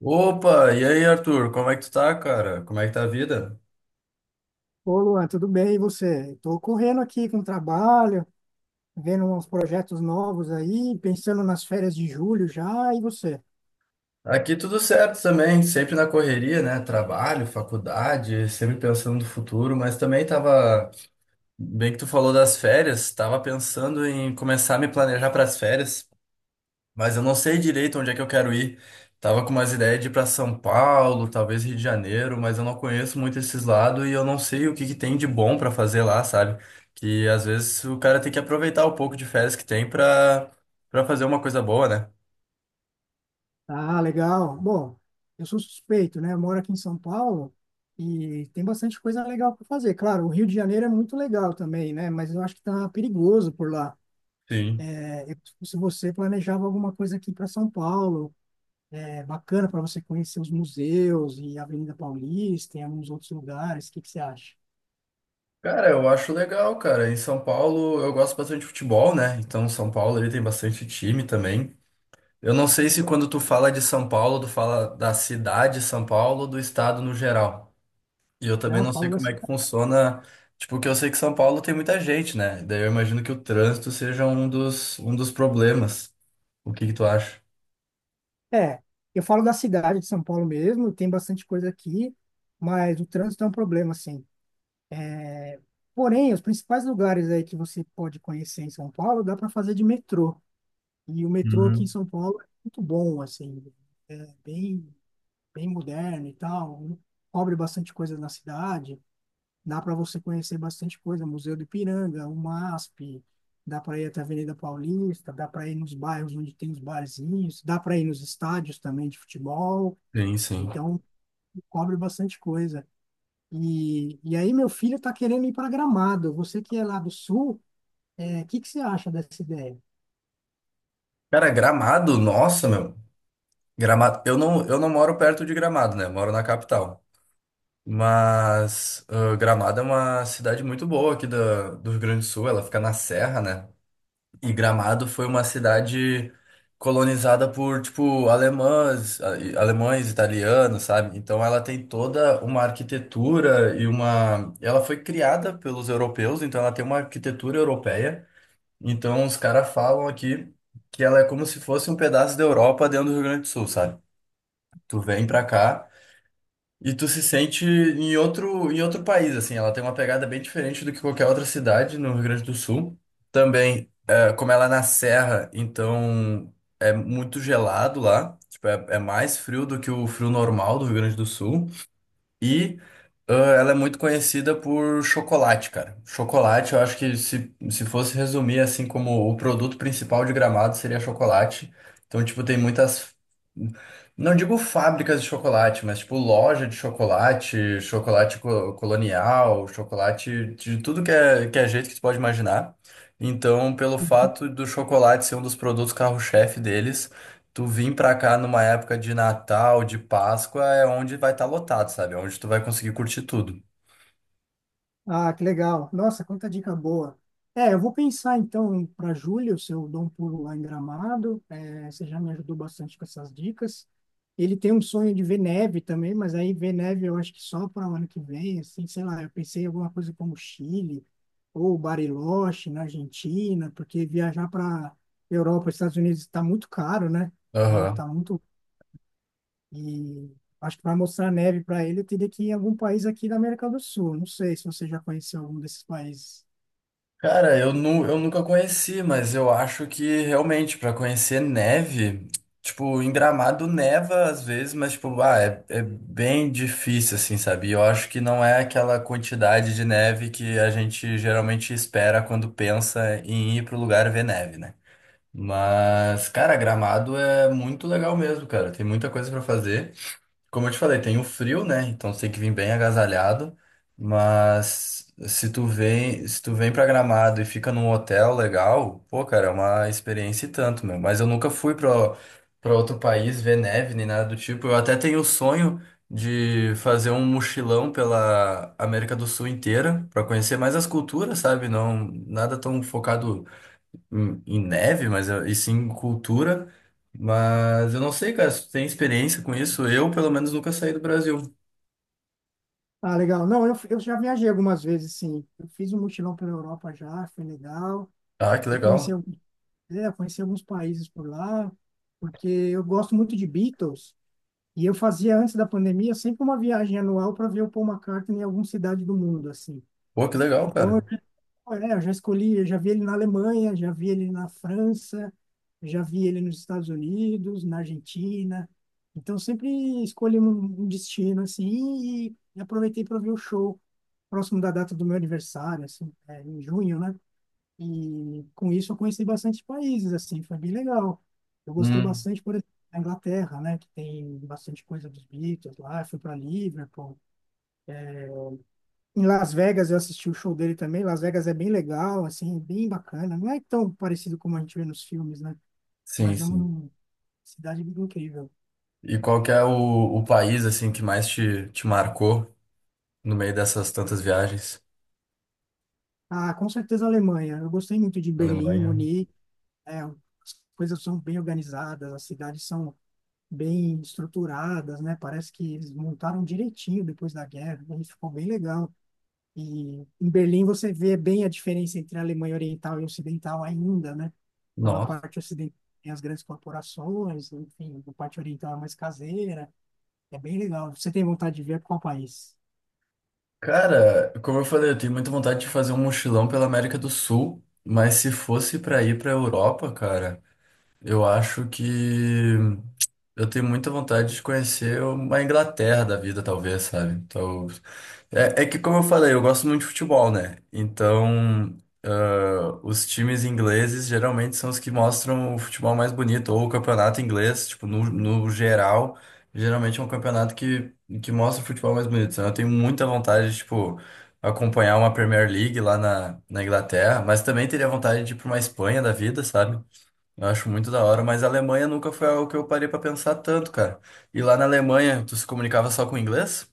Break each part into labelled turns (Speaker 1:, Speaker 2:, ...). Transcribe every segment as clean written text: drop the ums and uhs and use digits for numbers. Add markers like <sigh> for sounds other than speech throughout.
Speaker 1: Opa, e aí, Arthur? Como é que tu tá, cara? Como é que tá a vida?
Speaker 2: Ô, Luan, tudo bem? E você? Estou correndo aqui com o trabalho, vendo uns projetos novos aí, pensando nas férias de julho já. E você?
Speaker 1: Aqui tudo certo também, sempre na correria, né? Trabalho, faculdade, sempre pensando no futuro, mas também tava, bem que tu falou das férias, tava pensando em começar a me planejar para as férias. Mas eu não sei direito onde é que eu quero ir. Tava com umas ideias de ir pra São Paulo, talvez Rio de Janeiro, mas eu não conheço muito esses lados e eu não sei o que que tem de bom pra fazer lá, sabe? Que às vezes o cara tem que aproveitar o pouco de férias que tem pra para fazer uma coisa boa, né?
Speaker 2: Ah, legal. Bom, eu sou suspeito, né? Eu moro aqui em São Paulo e tem bastante coisa legal para fazer. Claro, o Rio de Janeiro é muito legal também, né? Mas eu acho que tá perigoso por lá.
Speaker 1: Sim.
Speaker 2: É, se você planejava alguma coisa aqui para São Paulo, é bacana para você conhecer os museus e a Avenida Paulista e alguns outros lugares. O que que você acha?
Speaker 1: Cara, eu acho legal, cara. Em São Paulo eu gosto bastante de futebol, né? Então São Paulo ele tem bastante time também. Eu não sei se quando tu fala de São Paulo, tu fala da cidade de São Paulo ou do estado no geral. E eu também
Speaker 2: Não.
Speaker 1: não sei
Speaker 2: fala da
Speaker 1: como é que funciona, tipo, porque eu sei que São Paulo tem muita gente, né? Daí eu imagino que o trânsito seja um dos problemas. O que que tu acha?
Speaker 2: É, eu falo da cidade de São Paulo mesmo, tem bastante coisa aqui, mas o trânsito é um problema, assim. Porém, os principais lugares aí que você pode conhecer em São Paulo, dá para fazer de metrô. E o metrô aqui em
Speaker 1: Uhum.
Speaker 2: São Paulo é muito bom, assim, é bem, bem moderno e tal, cobre bastante coisa na cidade, dá para você conhecer bastante coisa, Museu do Ipiranga, o MASP, dá para ir até a Avenida Paulista, dá para ir nos bairros onde tem os barzinhos, dá para ir nos estádios também de futebol.
Speaker 1: Sim, sim.
Speaker 2: Então, cobre bastante coisa. E aí meu filho está querendo ir para Gramado. Você que é lá do Sul, o que que você acha dessa ideia?
Speaker 1: Cara, Gramado, nossa, meu. Gramado, eu não moro perto de Gramado, né? Eu moro na capital. Mas Gramado é uma cidade muito boa aqui da, do Rio Grande do Sul, ela fica na serra, né? E Gramado foi uma cidade colonizada por, tipo, alemães, alemães, italianos, sabe? Então ela tem toda uma arquitetura e uma... Ela foi criada pelos europeus, então ela tem uma arquitetura europeia. Então os caras falam aqui que ela é como se fosse um pedaço da Europa dentro do Rio Grande do Sul, sabe? Tu vem pra cá... E tu se sente em outro país, assim. Ela tem uma pegada bem diferente do que qualquer outra cidade no Rio Grande do Sul. Também, é, como ela é na serra, então é muito gelado lá. Tipo, é mais frio do que o frio normal do Rio Grande do Sul. E ah, ela é muito conhecida por chocolate, cara. Chocolate, eu acho que se fosse resumir assim como o produto principal de Gramado seria chocolate. Então, tipo, tem muitas. Não digo fábricas de chocolate, mas tipo loja de chocolate, chocolate colonial, chocolate de tudo que é jeito que você pode imaginar. Então, pelo fato do chocolate ser um dos produtos carro-chefe deles, tu vir pra cá numa época de Natal, de Páscoa, é onde vai estar lotado, sabe? É onde tu vai conseguir curtir tudo.
Speaker 2: Ah, que legal. Nossa, quanta dica boa. É, eu vou pensar então para julho, se eu dou um pulo lá em Gramado. É, você já me ajudou bastante com essas dicas. Ele tem um sonho de ver neve também, mas aí ver neve eu acho que só para o ano que vem, assim, sei lá. Eu pensei em alguma coisa como Chile ou Bariloche na Argentina, porque viajar para Europa e Estados Unidos está muito caro, né? O dólar
Speaker 1: Aham.
Speaker 2: está muito e acho que para mostrar neve para ele, eu teria que ir em algum país aqui da América do Sul. Não sei se você já conheceu algum desses países.
Speaker 1: Cara, eu nunca conheci, mas eu acho que realmente pra conhecer neve, tipo, em Gramado neva às vezes, mas tipo, é bem difícil assim, sabe? E eu acho que não é aquela quantidade de neve que a gente geralmente espera quando pensa em ir pro lugar ver neve, né? Mas, cara, Gramado é muito legal mesmo, cara. Tem muita coisa pra fazer. Como eu te falei, tem o frio, né? Então você tem que vir bem agasalhado. Mas se tu vem pra Gramado e fica num hotel legal, pô, cara, é uma experiência e tanto, meu. Mas eu nunca fui pra outro país ver neve nem nada do tipo. Eu até tenho o sonho de fazer um mochilão pela América do Sul inteira pra conhecer mais as culturas, sabe? Não, nada tão focado em neve, mas e sim em cultura. Mas eu não sei, cara, se tu tem experiência com isso? Eu, pelo menos, nunca saí do Brasil.
Speaker 2: Ah, legal. Não, eu já viajei algumas vezes, sim. Eu fiz um mochilão pela Europa já, foi legal.
Speaker 1: Ah, que
Speaker 2: Eu conheci,
Speaker 1: legal.
Speaker 2: al- é, conheci alguns países por lá, porque eu gosto muito de Beatles. E eu fazia, antes da pandemia, sempre uma viagem anual para ver o Paul McCartney em alguma cidade do mundo, assim.
Speaker 1: Pô, que legal,
Speaker 2: Então,
Speaker 1: cara.
Speaker 2: ah, é, eu já escolhi, eu já vi ele na Alemanha, já vi ele na França, já vi ele nos Estados Unidos, na Argentina. Então sempre escolhi um destino assim e aproveitei para ver o show próximo da data do meu aniversário, assim, é, em junho, né? E com isso eu conheci bastante países, assim, foi bem legal. Eu gostei
Speaker 1: Hum.
Speaker 2: bastante, por exemplo, da Inglaterra, né? Que tem bastante coisa dos Beatles lá. Eu fui para Liverpool. Em Las Vegas eu assisti o show dele também. Las Vegas é bem legal, assim, é bem bacana. Não é tão parecido como a gente vê nos filmes, né?
Speaker 1: Sim,
Speaker 2: Mas é
Speaker 1: sim.
Speaker 2: uma cidade incrível.
Speaker 1: E qual que é o país, assim, que mais te marcou no meio dessas tantas viagens?
Speaker 2: Ah, com certeza a Alemanha. Eu gostei muito de Berlim,
Speaker 1: Alemanha.
Speaker 2: Munique. É, as coisas são bem organizadas, as cidades são bem estruturadas, né? Parece que eles montaram direitinho depois da guerra. E ficou bem legal. E em Berlim você vê bem a diferença entre a Alemanha Oriental e Ocidental ainda, né? Então, na
Speaker 1: Nossa.
Speaker 2: parte ocidental tem as grandes corporações, enfim, a parte oriental é mais caseira. É bem legal. Você tem vontade de ver para qual país?
Speaker 1: Cara, como eu falei, eu tenho muita vontade de fazer um mochilão pela América do Sul, mas se fosse pra ir pra Europa, cara, eu acho que. Eu tenho muita vontade de conhecer uma Inglaterra da vida, talvez, sabe? Então, é que, como eu falei, eu gosto muito de futebol, né? Então, os times ingleses geralmente são os que mostram o futebol mais bonito, ou o campeonato inglês, tipo, no geral, geralmente é um campeonato que mostra o futebol mais bonito. Então, eu tenho muita vontade de, tipo, acompanhar uma Premier League lá na Inglaterra, mas também teria vontade de ir para uma Espanha da vida, sabe? Eu acho muito da hora, mas a Alemanha nunca foi algo que eu parei pra pensar tanto, cara. E lá na Alemanha, tu se comunicava só com inglês?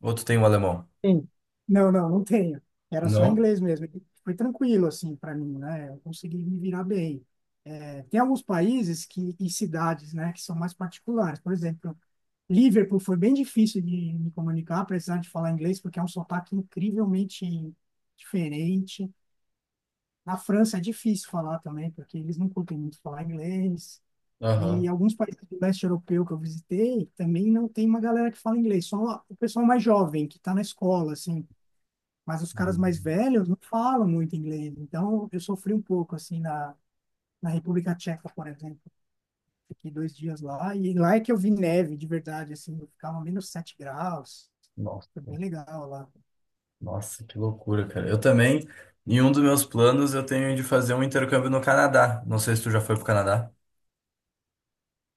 Speaker 1: Ou tu tem um alemão?
Speaker 2: Sim. Não, não, não tenho. Era só
Speaker 1: Não?
Speaker 2: inglês mesmo. E foi tranquilo, assim, para mim, né? Eu consegui me virar bem. É, tem alguns países que, e cidades, né, que são mais particulares. Por exemplo, Liverpool foi bem difícil de me comunicar, apesar de falar inglês, porque é um sotaque incrivelmente diferente. Na França é difícil falar também, porque eles não curtem muito falar inglês. E
Speaker 1: Aham.
Speaker 2: alguns países do leste europeu que eu visitei também não tem uma galera que fala inglês, só o pessoal mais jovem que está na escola, assim. Mas os caras mais
Speaker 1: Uhum.
Speaker 2: velhos não falam muito inglês. Então eu sofri um pouco, assim, na República Tcheca, por exemplo. Fiquei 2 dias lá e lá é que eu vi neve de verdade, assim. Ficava -7 graus. Foi
Speaker 1: Nossa,
Speaker 2: bem legal lá.
Speaker 1: nossa, que loucura, cara. Eu também, em um dos meus planos, eu tenho de fazer um intercâmbio no Canadá. Não sei se tu já foi pro Canadá.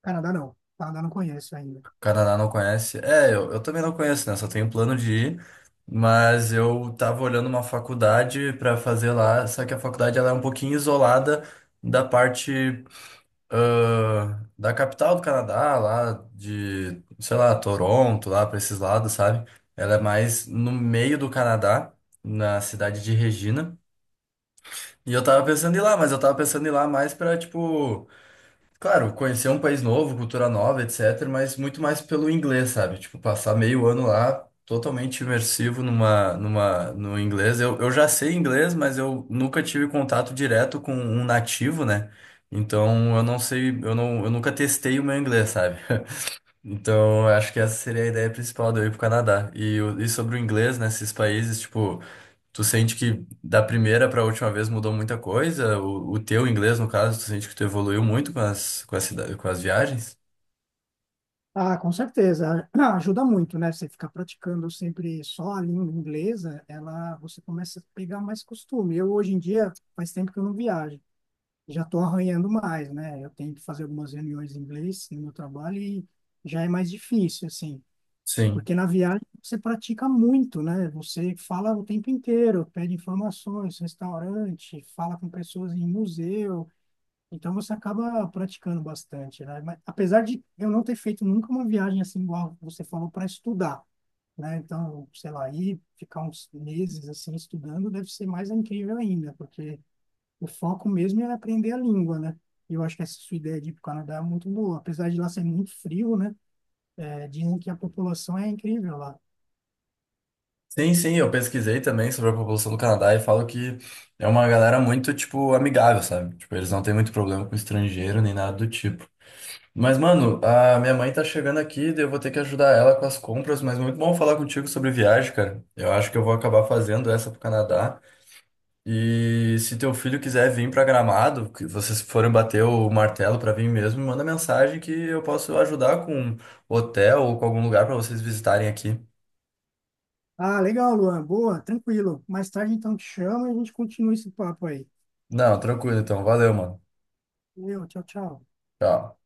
Speaker 2: Canadá não. Canadá não conheço ainda.
Speaker 1: Canadá não conhece. É, eu também não conheço, né? Só tenho plano de ir. Mas eu tava olhando uma faculdade pra fazer lá, só que a faculdade ela é um pouquinho isolada da parte da capital do Canadá, lá de, sei lá, Toronto, lá pra esses lados, sabe? Ela é mais no meio do Canadá, na cidade de Regina. E eu tava pensando em ir lá, mas eu tava pensando em ir lá mais pra, tipo. Claro, conhecer um país novo, cultura nova, etc., mas muito mais pelo inglês, sabe? Tipo, passar meio ano lá totalmente imersivo no inglês. Eu já sei inglês, mas eu nunca tive contato direto com um nativo, né? Então eu não sei, eu nunca testei o meu inglês, sabe? Então eu acho que essa seria a ideia principal de eu ir pro Canadá. E, e sobre o inglês, nesses países, tipo. Tu sente que da primeira para a última vez mudou muita coisa? O teu inglês, no caso, tu sente que tu evoluiu muito com as, com as viagens?
Speaker 2: Ah, com certeza. <clears throat> Ajuda muito, né? Você ficar praticando sempre só a língua inglesa, ela, você começa a pegar mais costume. Eu, hoje em dia, faz tempo que eu não viajo. Já estou arranhando mais, né? Eu tenho que fazer algumas reuniões em inglês no meu trabalho e já é mais difícil, assim.
Speaker 1: Sim.
Speaker 2: Porque na viagem você pratica muito, né? Você fala o tempo inteiro, pede informações, restaurante, fala com pessoas em museu. Então você acaba praticando bastante, né? Mas, apesar de eu não ter feito nunca uma viagem assim igual você falou para estudar, né? Então, sei lá, ir ficar uns meses assim estudando deve ser mais incrível ainda, porque o foco mesmo é aprender a língua, né? E eu acho que essa sua ideia de ir para o Canadá é muito boa, apesar de lá ser muito frio, né? É, dizem que a população é incrível lá.
Speaker 1: Sim, sim, eu pesquisei também sobre a população do Canadá e falo que é uma galera muito, tipo, amigável, sabe? Tipo, eles não têm muito problema com estrangeiro nem nada do tipo. Mas, mano, a minha mãe tá chegando aqui, daí eu vou ter que ajudar ela com as compras, mas muito bom falar contigo sobre viagem, cara. Eu acho que eu vou acabar fazendo essa pro Canadá. E se teu filho quiser vir pra Gramado, que vocês forem bater o martelo pra vir mesmo, me manda mensagem que eu posso ajudar com hotel ou com algum lugar pra vocês visitarem aqui.
Speaker 2: Ah, legal, Luan. Boa, tranquilo. Mais tarde então te chamo e a gente continua esse papo aí.
Speaker 1: Não, tranquilo então. Valeu, mano.
Speaker 2: Meu, tchau, tchau.
Speaker 1: Tchau.